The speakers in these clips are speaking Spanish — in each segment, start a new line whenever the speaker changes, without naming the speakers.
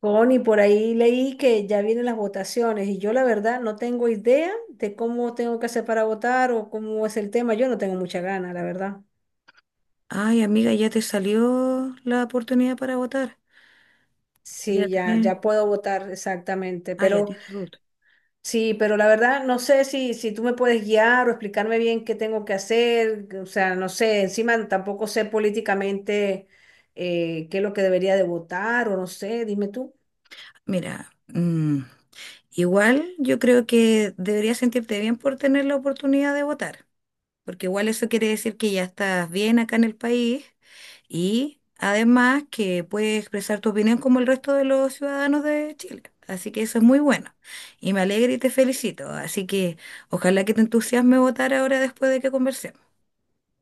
Connie, por ahí leí que ya vienen las votaciones y yo la verdad no tengo idea de cómo tengo que hacer para votar o cómo es el tema. Yo no tengo mucha gana, la verdad.
Ay, amiga, ya te salió la oportunidad para votar. Ya
Sí, ya,
tienes,
ya puedo votar exactamente,
ah, ya
pero
tienes ruta.
sí, pero la verdad no sé si tú me puedes guiar o explicarme bien qué tengo que hacer. O sea, no sé, encima tampoco sé políticamente qué es lo que debería de votar o no sé, dime tú.
Mira, igual yo creo que deberías sentirte bien por tener la oportunidad de votar, porque igual eso quiere decir que ya estás bien acá en el país y además que puedes expresar tu opinión como el resto de los ciudadanos de Chile. Así que eso es muy bueno y me alegra y te felicito. Así que ojalá que te entusiasme votar ahora después de que conversemos.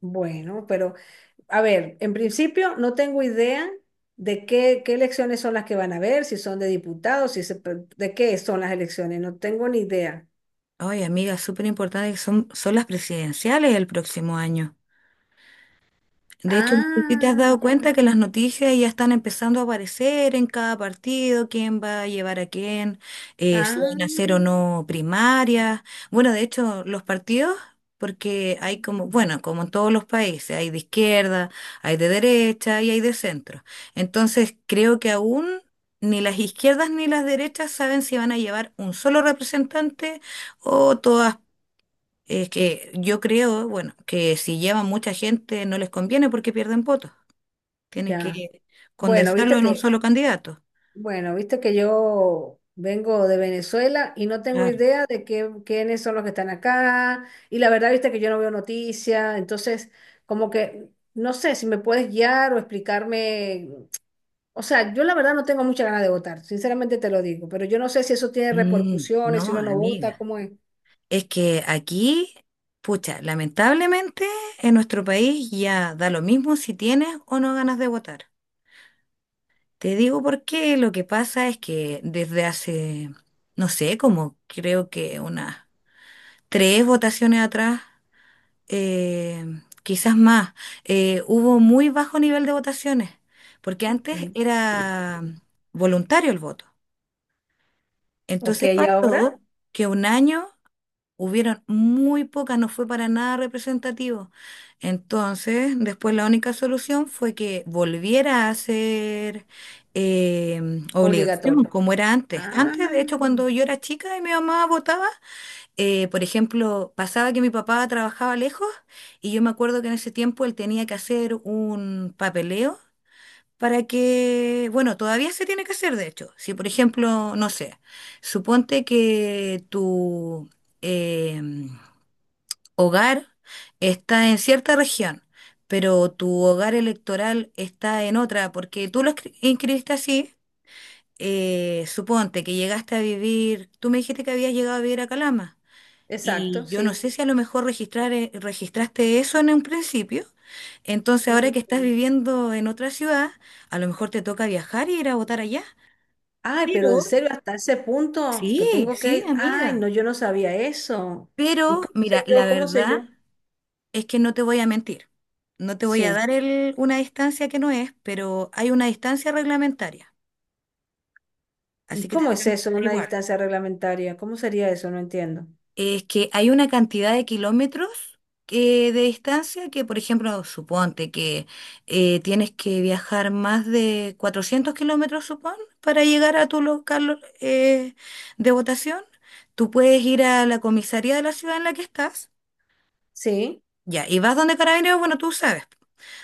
Bueno, pero... A ver, en principio no tengo idea de qué elecciones son las que van a ver, si son de diputados, si se pre- de qué son las elecciones, no tengo ni idea.
Ay, amiga, súper importante que son las presidenciales el próximo año. De hecho, no sé si te has
Ah,
dado
ya,
cuenta que las noticias ya están empezando a aparecer en cada partido, quién va a llevar a quién, si
ah,
van a hacer o no primarias. Bueno, de hecho, los partidos, porque hay como, bueno, como en todos los países, hay de izquierda, hay de derecha y hay de centro. Entonces, creo que aún ni las izquierdas ni las derechas saben si van a llevar un solo representante o todas, es que yo creo, bueno, que si llevan mucha gente no les conviene porque pierden votos. Tienen que
ya. Bueno,
condensarlo en un solo candidato.
bueno, viste que yo vengo de Venezuela y no tengo
Claro.
idea de quiénes son los que están acá. Y la verdad, viste que yo no veo noticias, entonces como que no sé si me puedes guiar o explicarme. O sea, yo la verdad no tengo mucha ganas de votar, sinceramente te lo digo, pero yo no sé si eso tiene repercusiones, si
No,
uno no vota,
amiga.
¿cómo es?
Es que aquí, pucha, lamentablemente en nuestro país ya da lo mismo si tienes o no ganas de votar. Te digo por qué. Lo que pasa es que desde hace, no sé, como creo que unas tres votaciones atrás, eh, quizás más, hubo muy bajo nivel de votaciones, porque antes
Ok,
era voluntario el voto.
ok,
Entonces
y ahora
pasó que un año hubieron muy pocas, no fue para nada representativo. Entonces, después la única solución fue que volviera a ser eh, obligación,
obligatorio.
como era antes.
Ah,
Antes, de hecho, cuando yo era chica y mi mamá votaba, por ejemplo, pasaba que mi papá trabajaba lejos y yo me acuerdo que en ese tiempo él tenía que hacer un papeleo para que, bueno, todavía se tiene que hacer, de hecho. Si, por ejemplo, no sé, suponte que tu eh, hogar está en cierta región, pero tu hogar electoral está en otra, porque tú lo inscribiste así. Suponte que llegaste a vivir, tú me dijiste que habías llegado a vivir a Calama. Y
exacto,
yo no
sí.
sé si a lo mejor registraste eso en un principio. Entonces, ahora que estás
Mm.
viviendo en otra ciudad, a lo mejor te toca viajar y ir a votar allá.
Ay, pero en
Pero,
serio, hasta ese punto que
sí,
tengo que
sí,
ir. Ay,
amiga.
no, yo no sabía eso. ¿Y
Pero,
cómo
mira,
sé
la
yo? ¿Cómo sé
verdad
yo?
es que no te voy a mentir. No te voy a
Sí.
dar una distancia que no es, pero hay una distancia reglamentaria. Así
¿Y
que
cómo es
tendríamos
eso,
que
una
averiguar.
distancia reglamentaria? ¿Cómo sería eso? No entiendo.
Es que hay una cantidad de kilómetros que- de distancia que, por ejemplo, suponte que tienes que viajar más de 400 kilómetros, supón, para llegar a tu local de votación. Tú puedes ir a la comisaría de la ciudad en la que estás,
Sí,
ya, y vas donde Carabineros, bueno, tú sabes,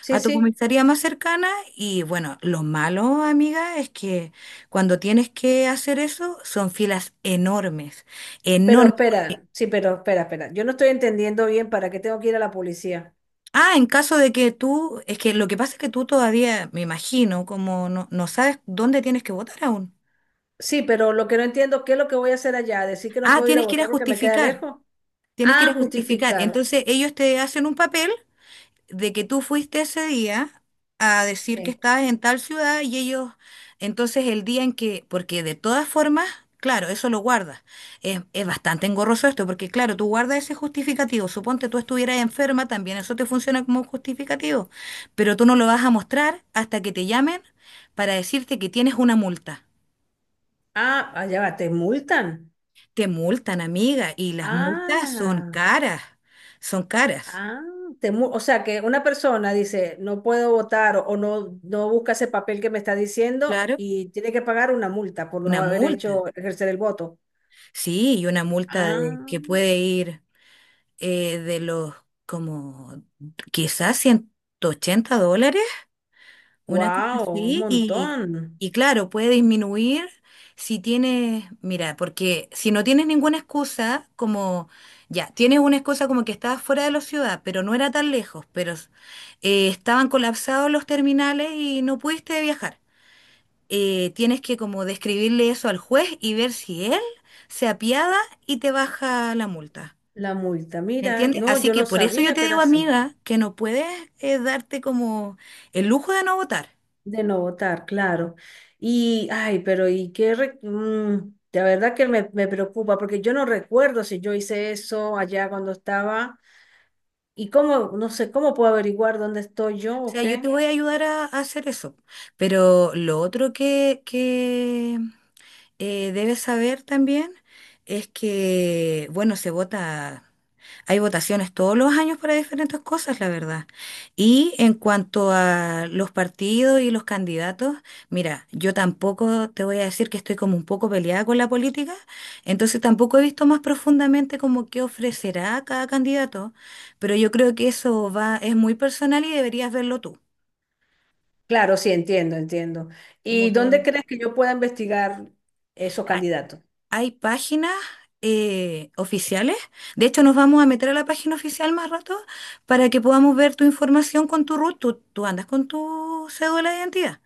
sí,
a tu
sí.
comisaría más cercana. Y bueno, lo malo, amiga, es que cuando tienes que hacer eso, son filas enormes,
Pero
enormes.
espera, sí, pero espera, espera. Yo no estoy entendiendo bien para qué tengo que ir a la policía.
Ah, en caso de que tú, es que lo que pasa es que tú todavía, me imagino, como no, no sabes dónde tienes que votar aún.
Sí, pero lo que no entiendo, ¿qué es lo que voy a hacer allá? ¿Decir que no
Ah,
puedo ir a
tienes que ir a
votar porque me queda
justificar,
lejos?
tienes que ir
Ah,
a justificar.
justificar.
Entonces ellos te hacen un papel de que tú fuiste ese día a decir que
Sí.
estabas en tal ciudad y ellos, entonces el día en que, porque de todas formas, claro, eso lo guardas. Es bastante engorroso esto, porque claro, tú guardas ese justificativo. Suponte tú estuvieras enferma, también eso te funciona como un justificativo, pero tú no lo vas a mostrar hasta que te llamen para decirte que tienes una multa.
Ah, allá va, te multan.
Te multan, amiga, y las multas
Ah,
son caras,
ah, o sea que una persona dice, no puedo votar o no busca ese papel que me está diciendo
claro,
y tiene que pagar una multa por no
una
haber
multa.
hecho ejercer el voto.
Sí, y una multa de,
Ah,
que puede ir de los, como quizás, $180, una cosa
wow, un
así,
montón.
y claro, puede disminuir si tienes, mira, porque si no tienes ninguna excusa, como ya, tienes una excusa como que estabas fuera de la ciudad, pero no era tan lejos, pero estaban colapsados los terminales y no pudiste viajar, tienes que como describirle eso al juez y ver si él se apiada y te baja la multa.
La multa,
¿Me
mira,
entiendes?
no,
Así
yo
que
no
por eso yo
sabía
te
que era
digo,
así,
amiga, que no puedes darte como el lujo de no votar.
de no votar, claro. Y, ay, la verdad que me preocupa, porque yo no recuerdo si yo hice eso allá cuando estaba, y cómo, no sé, cómo puedo averiguar dónde estoy yo
O
o
sea, yo te
qué.
voy a ayudar a hacer eso. Pero lo otro que debes saber también es que, bueno, se vota. Hay votaciones todos los años para diferentes cosas, la verdad. Y en cuanto a los partidos y los candidatos, mira, yo tampoco te voy a decir, que estoy como un poco peleada con la política, entonces tampoco he visto más profundamente como qué ofrecerá cada candidato, pero yo creo que eso va, es muy personal y deberías verlo tú.
Claro, sí, entiendo, entiendo.
Como
¿Y dónde
que
crees que yo pueda investigar esos candidatos?
hay páginas oficiales. De hecho, nos vamos a meter a la página oficial más rato para que podamos ver tu información con tu RUT. Tú andas con tu cédula de identidad.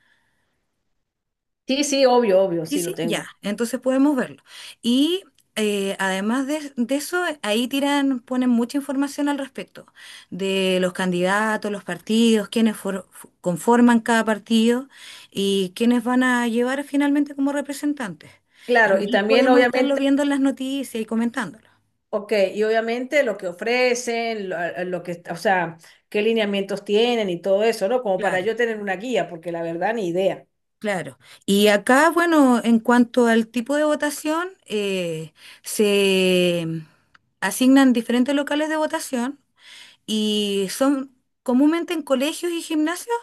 Sí, sí, obvio, obvio,
Sí,
sí lo
sí, ya.
tengo.
Entonces podemos verlo. Y además de eso, ahí tiran, ponen mucha información al respecto de los candidatos, los partidos, quiénes conforman cada partido y quiénes van a llevar finalmente como representantes.
Claro, y
Igual
también
podemos estarlo
obviamente.
viendo en las noticias y comentándolo.
Ok, y obviamente lo que ofrecen, o sea, qué lineamientos tienen y todo eso, ¿no? Como para
Claro,
yo tener una guía, porque la verdad ni idea.
claro. Y acá, bueno, en cuanto al tipo de votación, se asignan diferentes locales de votación y son comúnmente en colegios y gimnasios.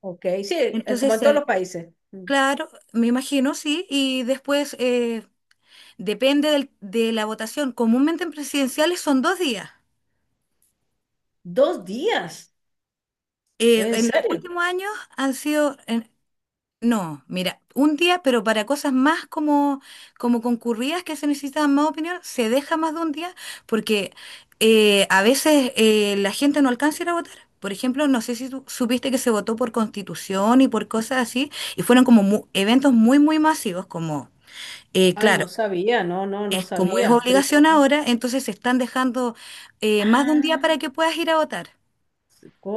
Ok, sí, como
Entonces,
en todos los países. Mm.
claro, me imagino, sí. Y después, depende de la votación. Comúnmente en presidenciales son 2 días.
¿Dos días? ¿En
En los
serio?
últimos años han sido, no, mira, un día, pero para cosas más como concurridas, que se necesitan más opinión, se deja más de un día porque a veces la gente no alcanza a ir a votar. Por ejemplo, no sé si tú supiste que se votó por constitución y por cosas así, y fueron como eventos muy, muy masivos, como,
Ay,
claro,
no sabía, no, no, no
es, como es
sabía.
obligación
Primera-
ahora, entonces se están dejando, más de un día
Ah,
para que puedas ir a votar.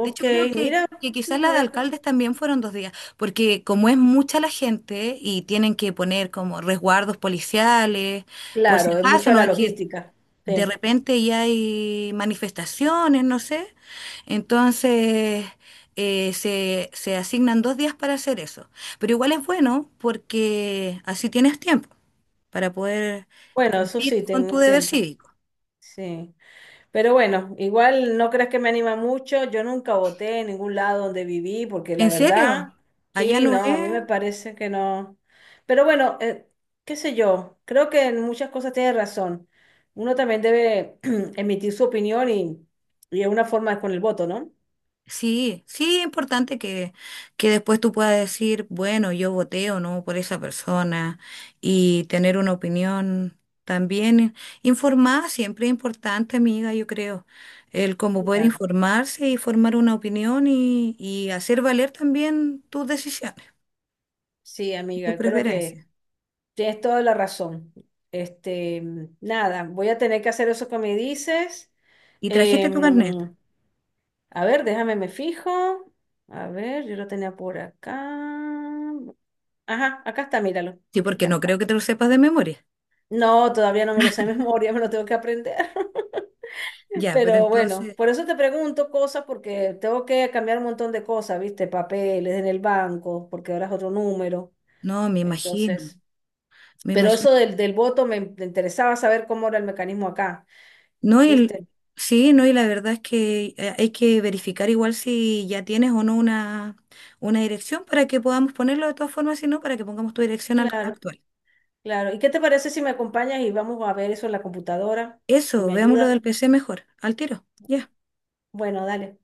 De hecho, creo
mira,
que quizás
no
la
voy
de
a
alcaldes
escuchar.
también fueron 2 días, porque como es mucha la gente y tienen que poner como resguardos policiales, por si
Claro, es
acaso,
mucha
no
la
es que
logística.
de
Sí.
repente ya hay manifestaciones, no sé, entonces se asignan 2 días para hacer eso. Pero igual es bueno porque así tienes tiempo para poder
Bueno, eso
cumplir
sí,
con tu
tengo
deber
tiempo.
cívico.
Sí. Pero bueno, igual no creas que me anima mucho. Yo nunca voté en ningún lado donde viví, porque la
¿En serio?
verdad,
Allá
sí,
no es.
no, a mí me parece que no. Pero bueno, qué sé yo, creo que en muchas cosas tienes razón. Uno también debe emitir su opinión y es una forma con el voto, ¿no?
Sí, sí, es importante que después tú puedas decir, bueno, yo voté o no por esa persona y tener una opinión también informada, siempre es importante, amiga, yo creo, el cómo poder
Claro.
informarse y formar una opinión, y hacer valer también tus decisiones,
Sí,
tus
amiga, creo que
preferencias.
tienes toda la razón. Este, nada, voy a tener que hacer eso que me dices.
¿Y trajiste tu carnet?
Em, A ver, déjame, me fijo. A ver, yo lo tenía por acá. Ajá, acá está, míralo.
Sí,
Aquí
porque no
está.
creo que te lo sepas de memoria.
No, todavía no me lo sé de memoria, me lo tengo que aprender.
Ya, pero
Pero bueno,
entonces,
por eso te pregunto cosas, porque tengo que cambiar un montón de cosas, ¿viste? Papeles en el banco, porque ahora es otro número.
no, me imagino,
Entonces,
me
pero
imagino.
eso del voto me interesaba saber cómo era el mecanismo acá,
No, y,
¿viste?
sí, no, y la verdad es que hay que verificar igual si ya tienes o no una, dirección para que podamos ponerlo de todas formas, si no, para que pongamos tu dirección
Claro,
actual.
claro. ¿Y qué te parece si me acompañas y vamos a ver eso en la computadora y
Eso,
me
veamos lo
ayuda?
del PC mejor, al tiro. Ya.
Bueno, dale.